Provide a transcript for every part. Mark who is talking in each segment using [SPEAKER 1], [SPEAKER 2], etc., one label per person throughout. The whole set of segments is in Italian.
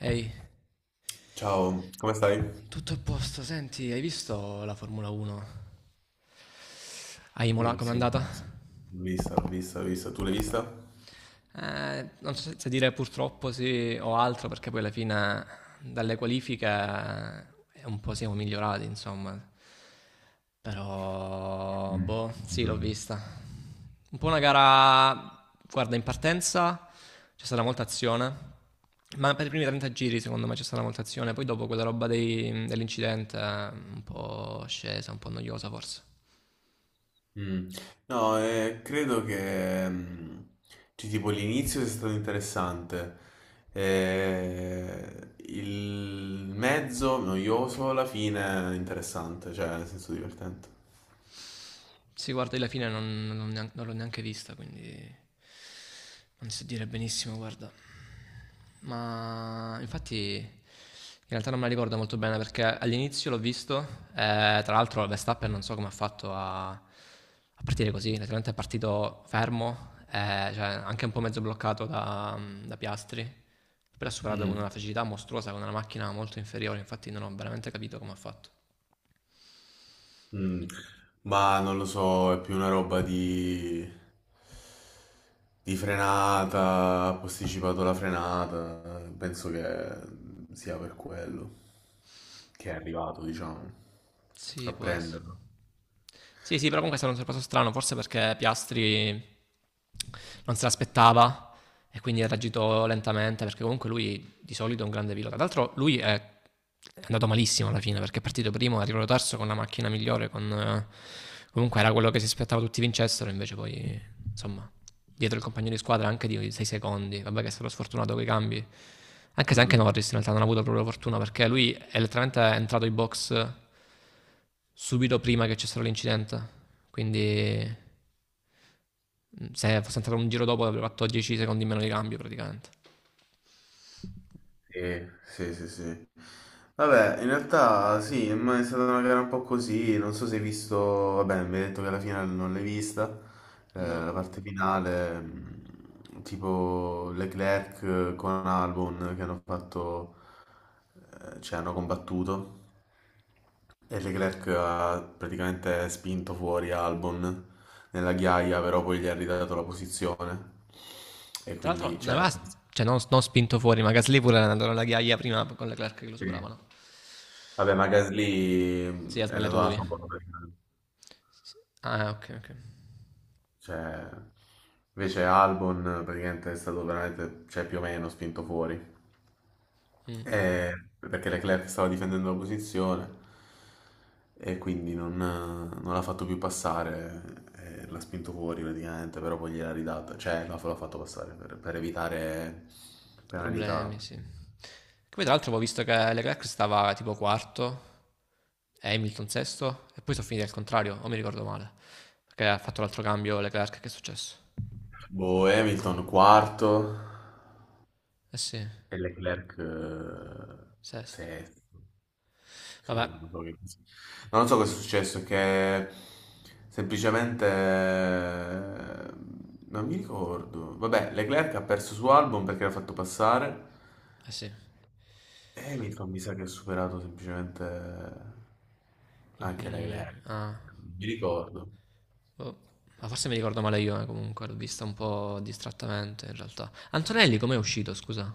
[SPEAKER 1] Ehi,
[SPEAKER 2] Ciao, come stai?
[SPEAKER 1] tutto a posto, senti, hai visto la Formula 1? A Imola
[SPEAKER 2] Sì,
[SPEAKER 1] com'è
[SPEAKER 2] sì,
[SPEAKER 1] andata?
[SPEAKER 2] sì. L'ho vista. Tu l'hai vista?
[SPEAKER 1] Non so se dire purtroppo sì o altro, perché poi alla fine dalle qualifiche un po' siamo migliorati, insomma. Però,
[SPEAKER 2] Mm,
[SPEAKER 1] boh, sì, l'ho
[SPEAKER 2] mm.
[SPEAKER 1] vista. Un po' una gara, guarda, in partenza c'è stata molta azione, ma per i primi 30 giri secondo me c'è stata molta azione, poi dopo quella roba dell'incidente, un po' scesa, un po' noiosa forse.
[SPEAKER 2] Mm. No, credo che cioè, tipo l'inizio sia stato interessante, il mezzo noioso, la fine interessante, cioè nel senso divertente.
[SPEAKER 1] Sì, guarda, io la fine non l'ho neanche vista, quindi non so dire benissimo, guarda. Ma infatti in realtà non me la ricordo molto bene perché all'inizio l'ho visto, tra l'altro Verstappen non so come ha fatto a partire così, letteralmente è partito fermo, cioè anche un po' mezzo bloccato da Piastri, però ha superato con una
[SPEAKER 2] Mm,
[SPEAKER 1] facilità mostruosa, con una macchina molto inferiore, infatti non ho veramente capito come ha fatto.
[SPEAKER 2] mm. Ma non lo so, è più una roba di frenata, ha posticipato la frenata, penso che sia per quello che è arrivato, diciamo, a
[SPEAKER 1] Sì, può essere.
[SPEAKER 2] prenderlo.
[SPEAKER 1] Sì, sì, però comunque è stato un sorpasso strano, forse perché Piastri non se l'aspettava e quindi ha reagito lentamente, perché comunque lui di solito è un grande pilota. Tra l'altro lui è andato malissimo alla fine perché è partito primo, è arrivato terzo con la macchina migliore, comunque era quello che si aspettava tutti vincessero, invece poi insomma dietro il compagno di squadra anche di 6 secondi, vabbè che è stato sfortunato con i cambi, anche se anche
[SPEAKER 2] Mm.
[SPEAKER 1] Norris in realtà non ha avuto proprio fortuna perché lui è letteralmente entrato in box subito prima che c'è stato l'incidente. Quindi se fosse entrato un giro dopo avrebbe fatto 10 secondi meno di cambio praticamente.
[SPEAKER 2] Sì, sì, sì, sì. Vabbè, in realtà sì, ma è stata una gara un po' così, non so se hai visto, vabbè, mi hai detto che alla finale non l'hai vista,
[SPEAKER 1] No.
[SPEAKER 2] la parte finale, tipo Leclerc con Albon che hanno fatto, cioè hanno combattuto e Leclerc ha praticamente spinto fuori Albon nella ghiaia, però poi gli ha ridato la posizione e
[SPEAKER 1] Tra l'altro
[SPEAKER 2] quindi,
[SPEAKER 1] non
[SPEAKER 2] cioè, ha
[SPEAKER 1] aveva
[SPEAKER 2] perso.
[SPEAKER 1] cioè, non spinto fuori, ma Gasly pure era andato alla ghiaia prima con Leclerc che lo
[SPEAKER 2] Sì.
[SPEAKER 1] superavano.
[SPEAKER 2] Vabbè, ma Gasly
[SPEAKER 1] Sì, ha
[SPEAKER 2] è
[SPEAKER 1] sbagliato
[SPEAKER 2] andato alla
[SPEAKER 1] lui.
[SPEAKER 2] sua prima.
[SPEAKER 1] Ah, ok, ok.
[SPEAKER 2] Cioè, invece Albon praticamente è stato veramente, cioè, più o meno spinto fuori.
[SPEAKER 1] Mm,
[SPEAKER 2] Eh, perché Leclerc stava difendendo la posizione e quindi non l'ha fatto più passare, l'ha spinto fuori praticamente, però poi gliel'ha ridata, cioè l'ha fatto passare per evitare penalità.
[SPEAKER 1] problemi, sì. Poi tra l'altro ho visto che Leclerc stava tipo quarto, Hamilton sesto, e poi sono finiti al contrario, o mi ricordo male. Perché ha fatto l'altro cambio Leclerc, che è successo?
[SPEAKER 2] Boh, Hamilton quarto,
[SPEAKER 1] Eh sì,
[SPEAKER 2] e Leclerc
[SPEAKER 1] sesto.
[SPEAKER 2] sesto.
[SPEAKER 1] Vabbè,
[SPEAKER 2] Sì, non so che pensi. Non so cosa è successo, che semplicemente non mi ricordo. Vabbè, Leclerc ha perso su Albon perché l'ha fatto passare
[SPEAKER 1] eh sì.
[SPEAKER 2] e Hamilton mi sa che ha superato semplicemente anche Leclerc.
[SPEAKER 1] Mm, ah,
[SPEAKER 2] Non mi ricordo.
[SPEAKER 1] boh. Ma forse mi ricordo male io, comunque, l'ho vista un po' distrattamente in realtà. Antonelli com'è uscito, scusa?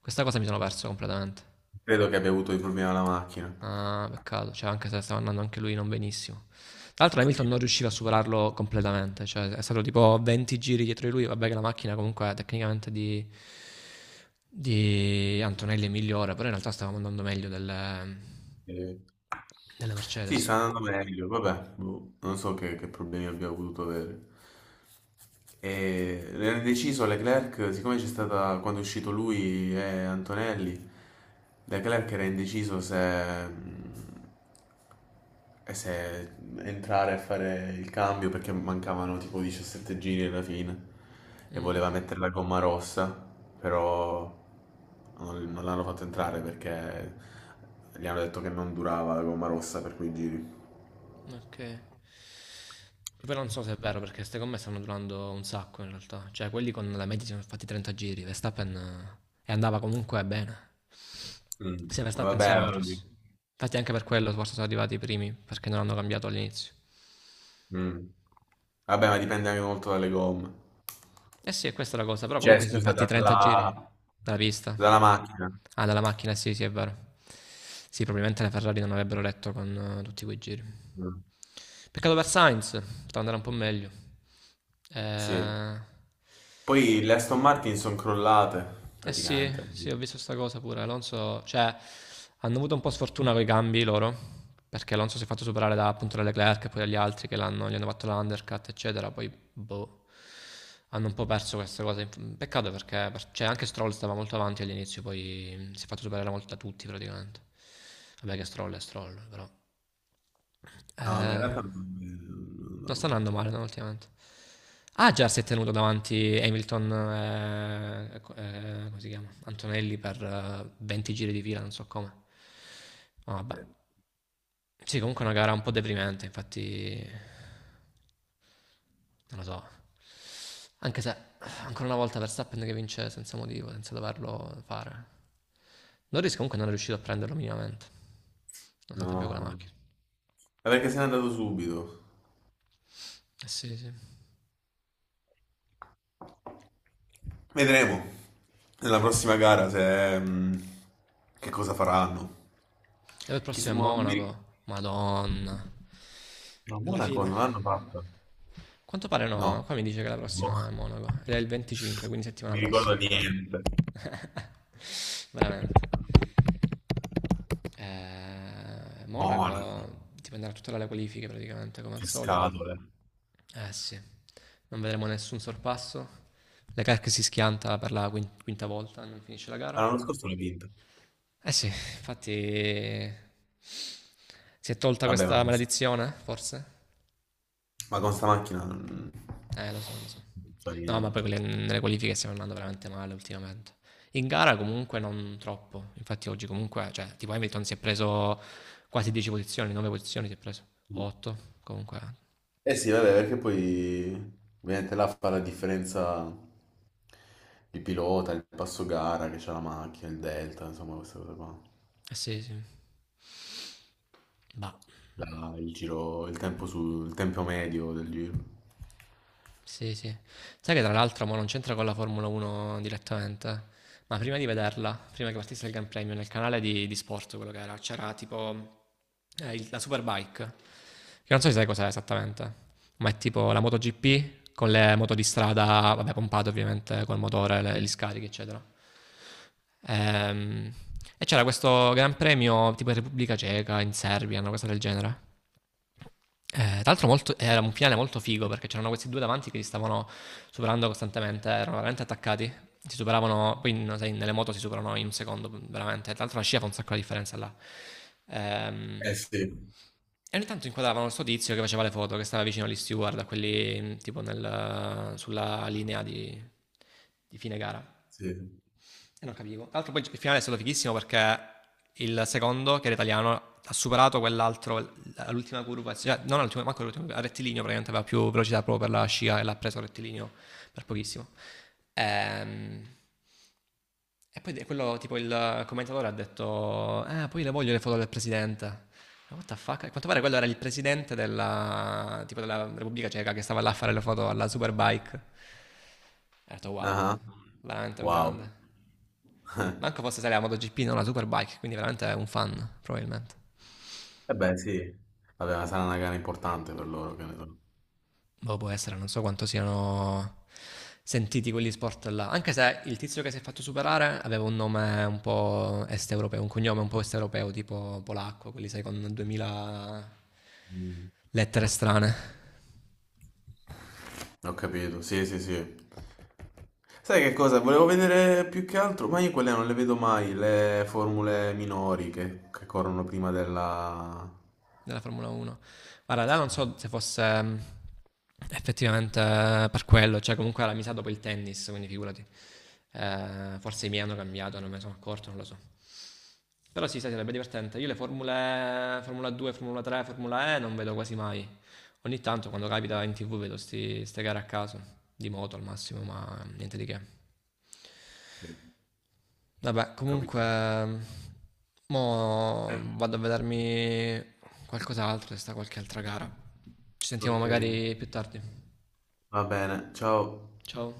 [SPEAKER 1] Questa cosa mi sono perso completamente.
[SPEAKER 2] Credo che abbia avuto dei problemi alla macchina.
[SPEAKER 1] Ah, peccato, cioè anche se stava andando anche lui non benissimo. Tra l'altro
[SPEAKER 2] Sì.
[SPEAKER 1] Hamilton non riusciva a superarlo completamente, cioè è stato tipo 20 giri dietro di lui, vabbè che la macchina comunque tecnicamente di Antonelli è migliore, però in realtà stavamo andando meglio delle,
[SPEAKER 2] Sì.
[SPEAKER 1] delle
[SPEAKER 2] Sì,
[SPEAKER 1] Mercedes.
[SPEAKER 2] sta andando meglio, vabbè, boh, non so che problemi abbiamo potuto avere. E era deciso Leclerc, siccome c'è stata, quando è uscito lui e Antonelli, Leclerc era indeciso se entrare a fare il cambio perché mancavano tipo 17 giri alla fine e
[SPEAKER 1] Mm,
[SPEAKER 2] voleva mettere la gomma rossa, però non l'hanno fatto entrare perché gli hanno detto che non durava la gomma rossa per quei giri.
[SPEAKER 1] ok. Che poi non so se è vero perché queste gomme stanno durando un sacco in realtà. Cioè, quelli con la media si sono fatti 30 giri. Verstappen e andava comunque bene.
[SPEAKER 2] Mm.
[SPEAKER 1] Sia Verstappen
[SPEAKER 2] Vabbè,
[SPEAKER 1] sia
[SPEAKER 2] allora
[SPEAKER 1] Norris.
[SPEAKER 2] dico.
[SPEAKER 1] Infatti anche per quello forse sono arrivati i primi perché non hanno cambiato all'inizio.
[SPEAKER 2] Mm. Vabbè, ma dipende anche molto dalle gomme.
[SPEAKER 1] Eh sì, questa è la cosa, però
[SPEAKER 2] Cioè,
[SPEAKER 1] comunque si sono
[SPEAKER 2] scusa,
[SPEAKER 1] fatti 30 giri dalla pista.
[SPEAKER 2] dalla macchina.
[SPEAKER 1] Ah, dalla macchina, sì, sì, è vero. Sì, probabilmente le Ferrari non avrebbero retto con tutti quei giri.
[SPEAKER 2] Mm.
[SPEAKER 1] Peccato per Sainz, poteva andare un po' meglio.
[SPEAKER 2] Sì.
[SPEAKER 1] Eh,
[SPEAKER 2] Poi le Aston Martin sono crollate,
[SPEAKER 1] Eh sì,
[SPEAKER 2] praticamente.
[SPEAKER 1] sì, ho visto sta cosa pure. Alonso, cioè, hanno avuto un po' sfortuna con i cambi loro, perché Alonso si è fatto superare da appunto da Leclerc e poi dagli altri che gli hanno fatto l'undercut, eccetera. Poi, boh, hanno un po' perso queste cose. Peccato perché, cioè, anche Stroll stava molto avanti all'inizio, poi si è fatto superare molto da tutti praticamente. Vabbè che Stroll è Stroll, però.
[SPEAKER 2] No, ma in
[SPEAKER 1] Eh,
[SPEAKER 2] realtà no,
[SPEAKER 1] Non
[SPEAKER 2] no,
[SPEAKER 1] sta
[SPEAKER 2] no.
[SPEAKER 1] andando male no, ultimamente. Ah, già si è tenuto davanti Hamilton, come si chiama? Antonelli per 20 giri di fila, non so come. Ma vabbè. Sì, comunque è una gara un po' deprimente, infatti non lo so. Anche se ancora una volta Verstappen che vince senza motivo, senza doverlo fare. Norris comunque non è riuscito a prenderlo minimamente, nonostante abbia quella
[SPEAKER 2] No.
[SPEAKER 1] macchina.
[SPEAKER 2] Ma perché se n'è andato subito?
[SPEAKER 1] Eh sì, sì. E
[SPEAKER 2] Vedremo nella prossima gara se, mm, che cosa faranno.
[SPEAKER 1] per il
[SPEAKER 2] Chissà,
[SPEAKER 1] prossimo è
[SPEAKER 2] mo- non mi ric-
[SPEAKER 1] Monaco. Madonna.
[SPEAKER 2] no,
[SPEAKER 1] Alla
[SPEAKER 2] Monaco
[SPEAKER 1] fine?
[SPEAKER 2] non l'hanno fatta.
[SPEAKER 1] Quanto pare no,
[SPEAKER 2] No,
[SPEAKER 1] qua mi dice che la
[SPEAKER 2] boh,
[SPEAKER 1] prossima è Monaco ed è il 25, quindi
[SPEAKER 2] non
[SPEAKER 1] settimana
[SPEAKER 2] mi ricordo
[SPEAKER 1] prossima.
[SPEAKER 2] niente.
[SPEAKER 1] Veramente.
[SPEAKER 2] Monaco,
[SPEAKER 1] Monaco dipenderà tutto dalle qualifiche praticamente, come al
[SPEAKER 2] che
[SPEAKER 1] solito.
[SPEAKER 2] scatole.
[SPEAKER 1] Eh sì, non vedremo nessun sorpasso. Leclerc si schianta per la quinta volta, non finisce la
[SPEAKER 2] Ah,
[SPEAKER 1] gara.
[SPEAKER 2] l'anno scorso l'ho vinta.
[SPEAKER 1] Eh sì, infatti si è tolta
[SPEAKER 2] Vabbè,
[SPEAKER 1] questa maledizione, forse?
[SPEAKER 2] ma con sta macchina
[SPEAKER 1] Lo so, lo so.
[SPEAKER 2] non fa
[SPEAKER 1] No, ma poi
[SPEAKER 2] niente.
[SPEAKER 1] nelle qualifiche stiamo andando veramente male ultimamente. In gara comunque non troppo. Infatti oggi comunque, cioè, tipo Hamilton si è preso quasi 10 posizioni, 9 posizioni si è preso. 8, comunque.
[SPEAKER 2] Eh sì, vabbè, perché poi ovviamente là fa la differenza il pilota, il passo gara che c'ha la macchina, il delta, insomma queste cose qua.
[SPEAKER 1] Eh sì, sì. Bah.
[SPEAKER 2] Il giro, il tempo medio del giro.
[SPEAKER 1] Sì, sì. Sai che tra l'altro mo non c'entra con la Formula 1 direttamente, ma prima di vederla, prima che partisse il Gran Premio, nel canale di sport, quello che era, c'era tipo la Superbike, che non so se sai cos'è esattamente, ma è tipo la MotoGP con le moto di strada, vabbè, pompate ovviamente col motore, gli
[SPEAKER 2] Mm.
[SPEAKER 1] scarichi, eccetera. Ehm, e c'era questo Gran Premio tipo in Repubblica Ceca, in Serbia, una cosa del genere. Tra l'altro era un finale molto figo perché c'erano questi due davanti che si stavano superando costantemente, erano veramente attaccati, si superavano, poi no, sai, nelle moto si superano in un secondo, veramente, tra l'altro la scia fa un sacco di differenza là. Ehm,
[SPEAKER 2] Eh sì,
[SPEAKER 1] e ogni tanto inquadravano sto tizio che faceva le foto, che stava vicino agli steward, a quelli tipo sulla linea di fine gara.
[SPEAKER 2] sì.
[SPEAKER 1] E non capivo. Tra l'altro poi il finale è stato fighissimo perché il secondo, che era italiano, ha superato quell'altro, l'ultima curva, cioè, non l'ultima, manco l'ultima, a rettilineo praticamente aveva più velocità proprio per la scia e l'ha preso a rettilineo per pochissimo. Ehm, E poi quello, tipo il commentatore ha detto, poi le voglio le foto del presidente. Ma what the fuck? A quanto pare quello era il presidente della, tipo della Repubblica Ceca che stava là a fare le foto alla Superbike. E ho detto wow,
[SPEAKER 2] Ah,
[SPEAKER 1] veramente un
[SPEAKER 2] wow.
[SPEAKER 1] grande. Manco fosse stare la MotoGP, non la Superbike, quindi veramente è un fan, probabilmente.
[SPEAKER 2] Eh beh sì, vabbè, ma sarà una gara importante per loro, che ne so.
[SPEAKER 1] Boh, può essere, non so quanto siano sentiti quegli sport là. Anche se il tizio che si è fatto superare aveva un nome un po' est europeo, un cognome un po' est europeo, tipo polacco, quelli sai con 2000
[SPEAKER 2] Mm.
[SPEAKER 1] lettere strane
[SPEAKER 2] Ho capito, sì, sì, sì. Sai che cosa? Volevo vedere più che altro, ma io quelle non le vedo mai, le formule minori che corrono prima della…
[SPEAKER 1] della Formula 1. Guarda, là non so
[SPEAKER 2] Sì,
[SPEAKER 1] se fosse effettivamente per quello, cioè comunque era misato dopo il tennis, quindi figurati. Forse i miei hanno cambiato, non me ne sono accorto, non lo so. Però sì, sai, sarebbe divertente. Io le formule Formula 2, Formula 3, Formula E non vedo quasi mai. Ogni tanto quando capita in tv vedo ste gare a caso, di moto al massimo, ma niente di che.
[SPEAKER 2] sì.
[SPEAKER 1] Vabbè,
[SPEAKER 2] Ho
[SPEAKER 1] comunque,
[SPEAKER 2] capito. Eh,
[SPEAKER 1] mo vado a vedermi qualcos'altro, se sta qualche altra gara. Ci sentiamo
[SPEAKER 2] Ok,
[SPEAKER 1] magari più tardi.
[SPEAKER 2] va bene, ciao.
[SPEAKER 1] Ciao.